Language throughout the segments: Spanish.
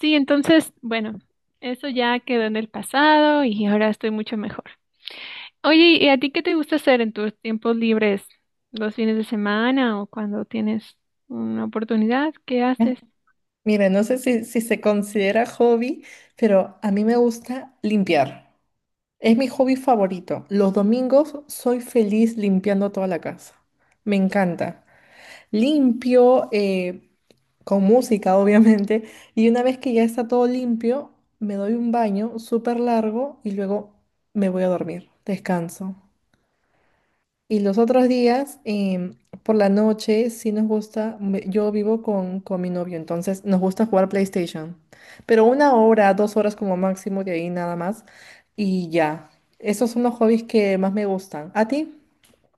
Sí, entonces, bueno, eso ya quedó en el pasado y ahora estoy mucho mejor. Oye, ¿y a ti qué te gusta hacer en tus tiempos libres? ¿Los fines de semana o cuando tienes una oportunidad? ¿Qué haces? Mira, no sé si se considera hobby, pero a mí me gusta limpiar. Es mi hobby favorito. Los domingos soy feliz limpiando toda la casa. Me encanta. Limpio con música, obviamente. Y una vez que ya está todo limpio, me doy un baño súper largo y luego me voy a dormir. Descanso. Y los otros días, por la noche, sí nos gusta, yo vivo con mi novio, entonces nos gusta jugar PlayStation, pero una hora, 2 horas como máximo, de ahí nada más, y ya. Esos son los hobbies que más me gustan. ¿A ti?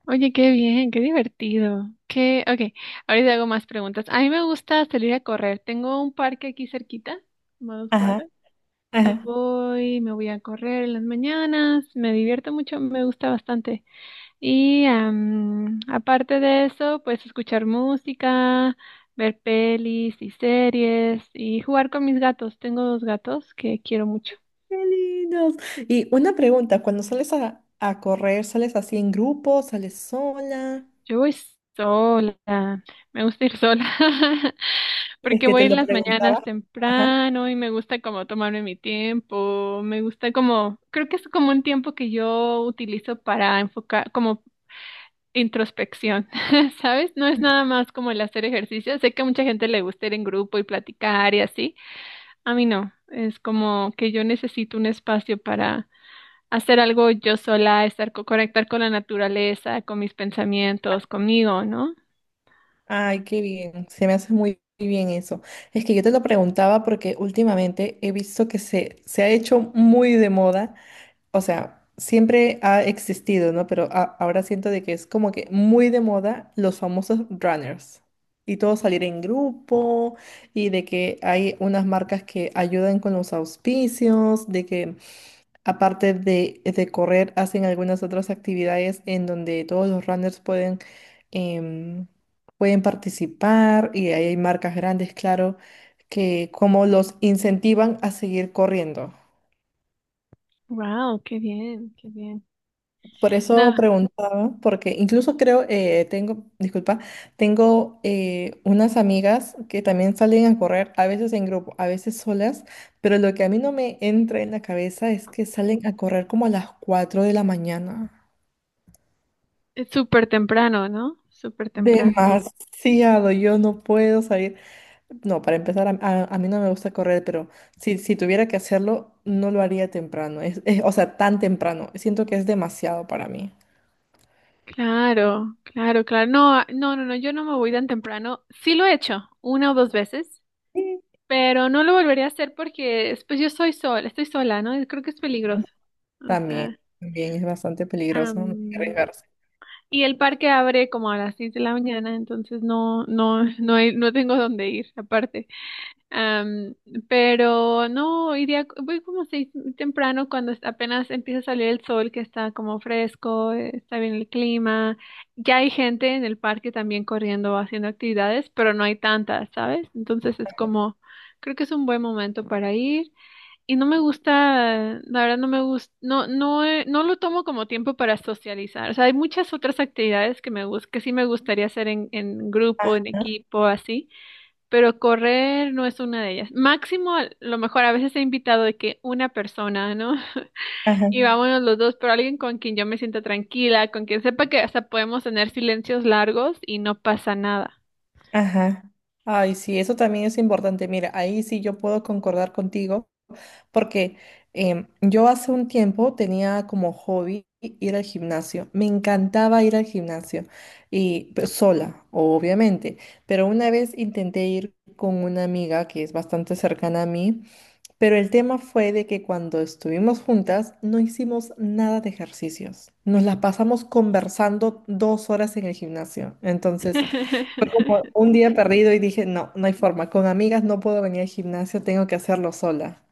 Oye, qué bien, qué divertido. Qué, ok, ahorita hago más preguntas. A mí me gusta salir a correr. Tengo un parque aquí cerquita, como a dos Ajá, cuadras, y ajá. voy, me voy a correr en las mañanas. Me divierto mucho, me gusta bastante. Y aparte de eso, pues escuchar música, ver pelis y series y jugar con mis gatos. Tengo dos gatos que quiero mucho. ¡Qué lindos! Y una pregunta, cuando sales a correr, ¿sales así en grupo, sales sola? Yo voy sola, me gusta ir sola Es porque que voy te en lo las mañanas preguntaba. temprano y me gusta como tomarme mi tiempo. Me gusta como, creo que es como un tiempo que yo utilizo para enfocar, como introspección. ¿Sabes? No es nada más como el hacer ejercicio. Sé que a mucha gente le gusta ir en grupo y platicar y así. A mí no, es como que yo necesito un espacio para hacer algo yo sola, estar conectar con la naturaleza, con mis pensamientos, conmigo, ¿no? Ay, qué bien, se me hace muy bien eso. Es que yo te lo preguntaba porque últimamente he visto que se ha hecho muy de moda, o sea, siempre ha existido, ¿no? Pero ahora siento de que es como que muy de moda los famosos runners, y todo salir en grupo, y de que hay unas marcas que ayudan con los auspicios, de que aparte de correr, hacen algunas otras actividades en donde todos los runners em, pueden participar, y ahí hay marcas grandes, claro, que como los incentivan a seguir corriendo. Wow, qué bien, qué bien. Por eso Nada, preguntaba, porque incluso creo, tengo, disculpa, tengo unas amigas que también salen a correr, a veces en grupo, a veces solas, pero lo que a mí no me entra en la cabeza es que salen a correr como a las 4 de la mañana. es súper temprano, ¿no? Súper temprano. Demasiado, yo no puedo salir. No, para empezar, a mí no me gusta correr, pero si tuviera que hacerlo, no lo haría temprano. O sea, tan temprano. Siento que es demasiado para mí. Claro, claro, claro. No, ah, no, no, no, yo no me voy tan temprano. Sí lo he hecho una o dos veces, Sí. pero no lo volvería a hacer porque pues yo soy sola, estoy sola, ¿no? Creo que es peligroso. O También, sea, también es bastante peligroso, no hay que am, arriesgarse. y el parque abre como a las seis de la mañana, entonces no tengo dónde ir, aparte. Am, pero no, iría, voy como seis temprano cuando apenas empieza a salir el sol, que está como fresco, está bien el clima. Ya hay gente en el parque también corriendo, haciendo actividades, pero no hay tantas, ¿sabes? Entonces es como, creo que es un buen momento para ir. Y no me gusta, la verdad no me gusta, no, no, no lo tomo como tiempo para socializar. O sea, hay muchas otras actividades que que sí me gustaría hacer en grupo, en equipo, así, pero correr no es una de ellas. Máximo, a lo mejor a veces he invitado de que una persona, ¿no? Ajá, Y vámonos los dos, pero alguien con quien yo me sienta tranquila, con quien sepa que hasta podemos tener silencios largos y no pasa nada. ajá. Ay, sí, eso también es importante. Mira, ahí sí yo puedo concordar contigo, porque yo hace un tiempo tenía como hobby ir al gimnasio. Me encantaba ir al gimnasio y pues, sola, obviamente. Pero una vez intenté ir con una amiga que es bastante cercana a mí, pero el tema fue de que cuando estuvimos juntas no hicimos nada de ejercicios. Nos la pasamos conversando 2 horas en el gimnasio. Entonces fue como un día perdido y dije, no, no hay forma. Con amigas no puedo venir al gimnasio, tengo que hacerlo sola.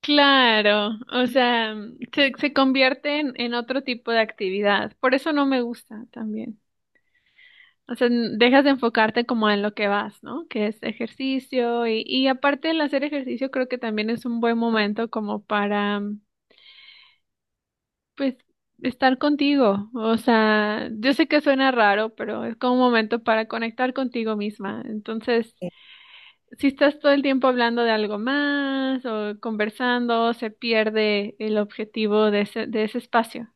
Claro, o sea, se convierte en otro tipo de actividad. Por eso no me gusta también. O sea, dejas de enfocarte como en lo que vas, ¿no? Que es ejercicio y aparte del hacer ejercicio creo que también es un buen momento como para, pues, estar contigo. O sea, yo sé que suena raro, pero es como un momento para conectar contigo misma. Entonces, si estás todo el tiempo hablando de algo más o conversando, se pierde el objetivo de ese espacio.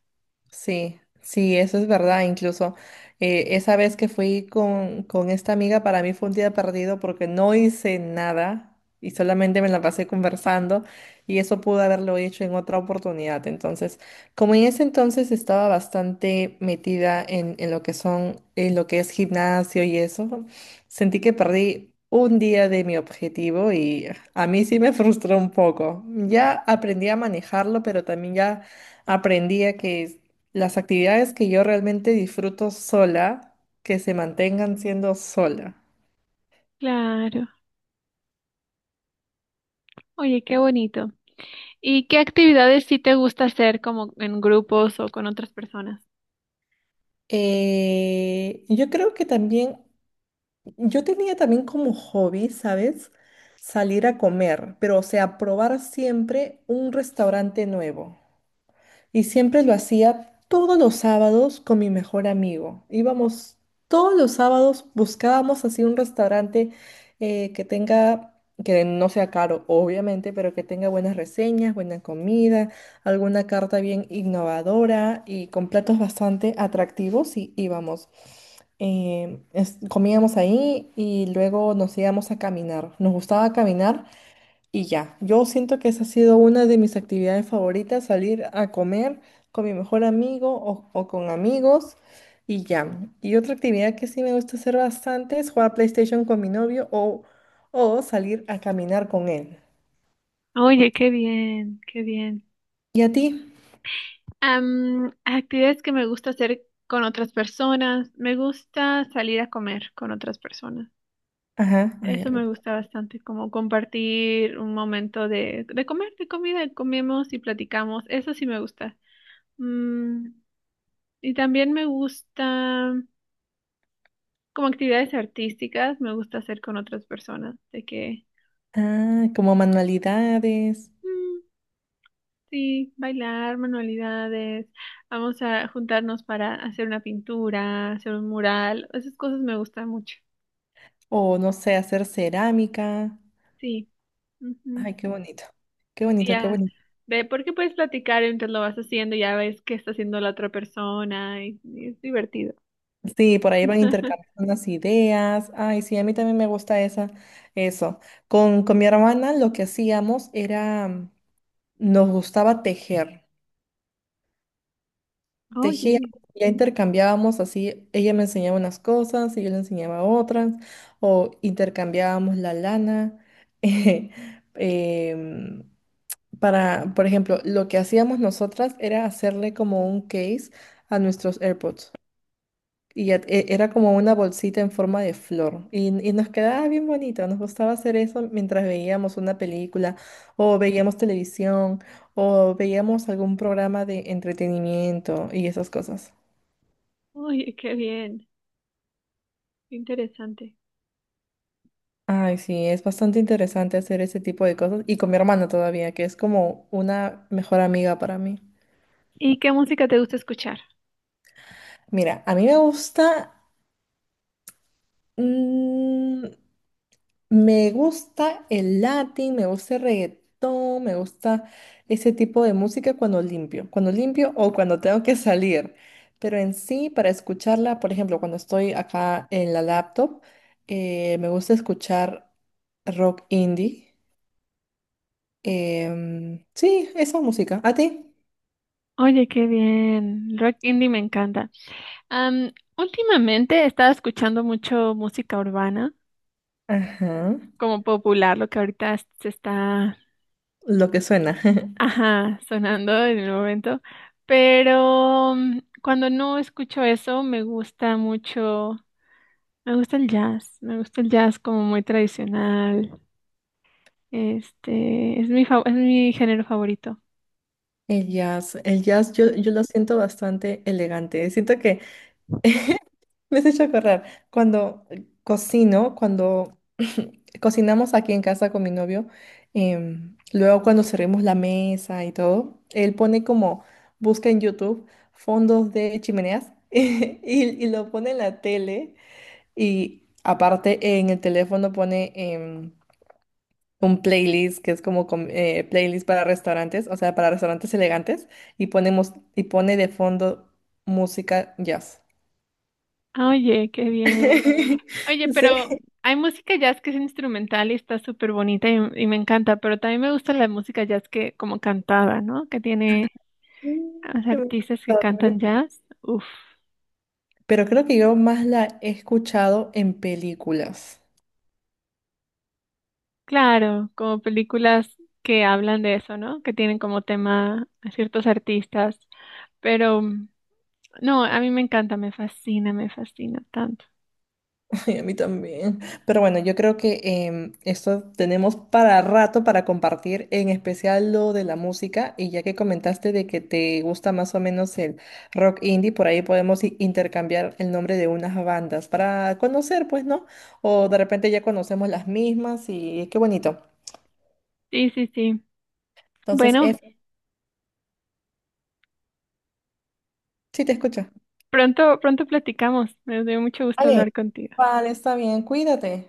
Sí, sí, eso es verdad. Incluso esa vez que fui con esta amiga, para mí fue un día perdido porque no hice nada y solamente me la pasé conversando, y eso pude haberlo hecho en otra oportunidad. Entonces, como en ese entonces estaba bastante metida en lo que es gimnasio y eso, sentí que perdí un día de mi objetivo y a mí sí me frustró un poco. Ya aprendí a manejarlo, pero también ya aprendí a que las actividades que yo realmente disfruto sola, que se mantengan siendo sola. Claro. Oye, qué bonito. ¿Y qué actividades sí te gusta hacer como en grupos o con otras personas? Yo creo que también, yo tenía también como hobby, ¿sabes? Salir a comer, pero o sea, probar siempre un restaurante nuevo. Y siempre lo hacía todos los sábados con mi mejor amigo. Íbamos todos los sábados, buscábamos así un restaurante que tenga, que no sea caro, obviamente, pero que tenga buenas reseñas, buena comida, alguna carta bien innovadora y con platos bastante atractivos, y íbamos. Comíamos ahí y luego nos íbamos a caminar. Nos gustaba caminar y ya, yo siento que esa ha sido una de mis actividades favoritas, salir a comer con mi mejor amigo o con amigos, y ya. Y otra actividad que sí me gusta hacer bastante es jugar PlayStation con mi novio, o salir a caminar con él. Oye, qué bien, qué bien. ¿Y a ti? Actividades que me gusta hacer con otras personas. Me gusta salir a comer con otras personas. Ajá, ay, a Eso me ver. gusta bastante, como compartir un momento de comer, de comida, comemos y platicamos. Eso sí me gusta. Mm, y también me gusta, como actividades artísticas, me gusta hacer con otras personas, de que, Ah, como manualidades mm, sí, bailar, manualidades, vamos a juntarnos para hacer una pintura, hacer un mural, esas cosas me gustan mucho, o no sé, hacer cerámica. sí. Ujú, Ay, qué bonito, qué bonito, qué ya, bonito. de porque puedes platicar mientras lo vas haciendo, ya ves qué está haciendo la otra persona y es divertido. Sí, por ahí van intercambiando unas ideas. Ay, sí, a mí también me gusta esa, eso. Con mi hermana lo que hacíamos era, nos gustaba tejer. Tejíamos, Oye, ya intercambiábamos así, ella me enseñaba unas cosas y yo le enseñaba otras, o intercambiábamos la lana. eh, em, para, por ejemplo, lo que hacíamos nosotras era hacerle como un case a nuestros AirPods. Y era como una bolsita en forma de flor. Y nos quedaba bien bonito. Nos gustaba hacer eso mientras veíamos una película o veíamos televisión o veíamos algún programa de entretenimiento y esas cosas. oye, qué bien, qué interesante. Ay, sí, es bastante interesante hacer ese tipo de cosas. Y con mi hermana todavía, que es como una mejor amiga para mí. ¿Y qué música te gusta escuchar? Mira, a mí me gusta... mm, Me gusta el Latin, me gusta el reggaetón, me gusta ese tipo de música cuando limpio o cuando tengo que salir. Pero en sí, para escucharla, por ejemplo, cuando estoy acá en la laptop, me gusta escuchar rock indie. Sí, esa música. ¿A ti? Oye, qué bien. Rock indie me encanta. Am, últimamente he estado escuchando mucho música urbana, Ajá, como popular, lo que ahorita se está, lo que suena. ajá, sonando en el momento. Pero mm, cuando no escucho eso, me gusta mucho, me gusta el jazz. Me gusta el jazz como muy tradicional. Este, es mi, es mi género favorito. El jazz, el jazz, yo lo siento bastante elegante. Siento que me has hecho acordar, cuando cocino, cuando cocinamos aquí en casa con mi novio, luego cuando servimos la mesa y todo, él pone como, busca en YouTube fondos de chimeneas y lo pone en la tele, y aparte en el teléfono pone un playlist que es como playlist para restaurantes, o sea, para restaurantes elegantes, y ponemos, y pone de fondo música jazz. Ah, oye, qué bien. Oye, Sí. pero hay música jazz que es instrumental y está súper bonita y me encanta, pero también me gusta la música jazz que como cantada, ¿no? Que tiene los Te voy artistas a que contar, cantan jazz, uff, pero creo que yo más la he escuchado en películas. claro, como películas que hablan de eso, ¿no? Que tienen como tema a ciertos artistas, pero mm, no, a mí me encanta, me fascina tanto. Ay, a mí también. Pero bueno, yo creo que esto tenemos para rato para compartir, en especial lo de la música. Y ya que comentaste de que te gusta más o menos el rock indie, por ahí podemos intercambiar el nombre de unas bandas para conocer, pues, ¿no? O de repente ya conocemos las mismas, y qué bonito. Sí, sí, sí. Entonces, Bueno, sí te escucho. pronto, pronto platicamos. Me dio mucho gusto Vale, hablar contigo. vale, está bien, cuídate.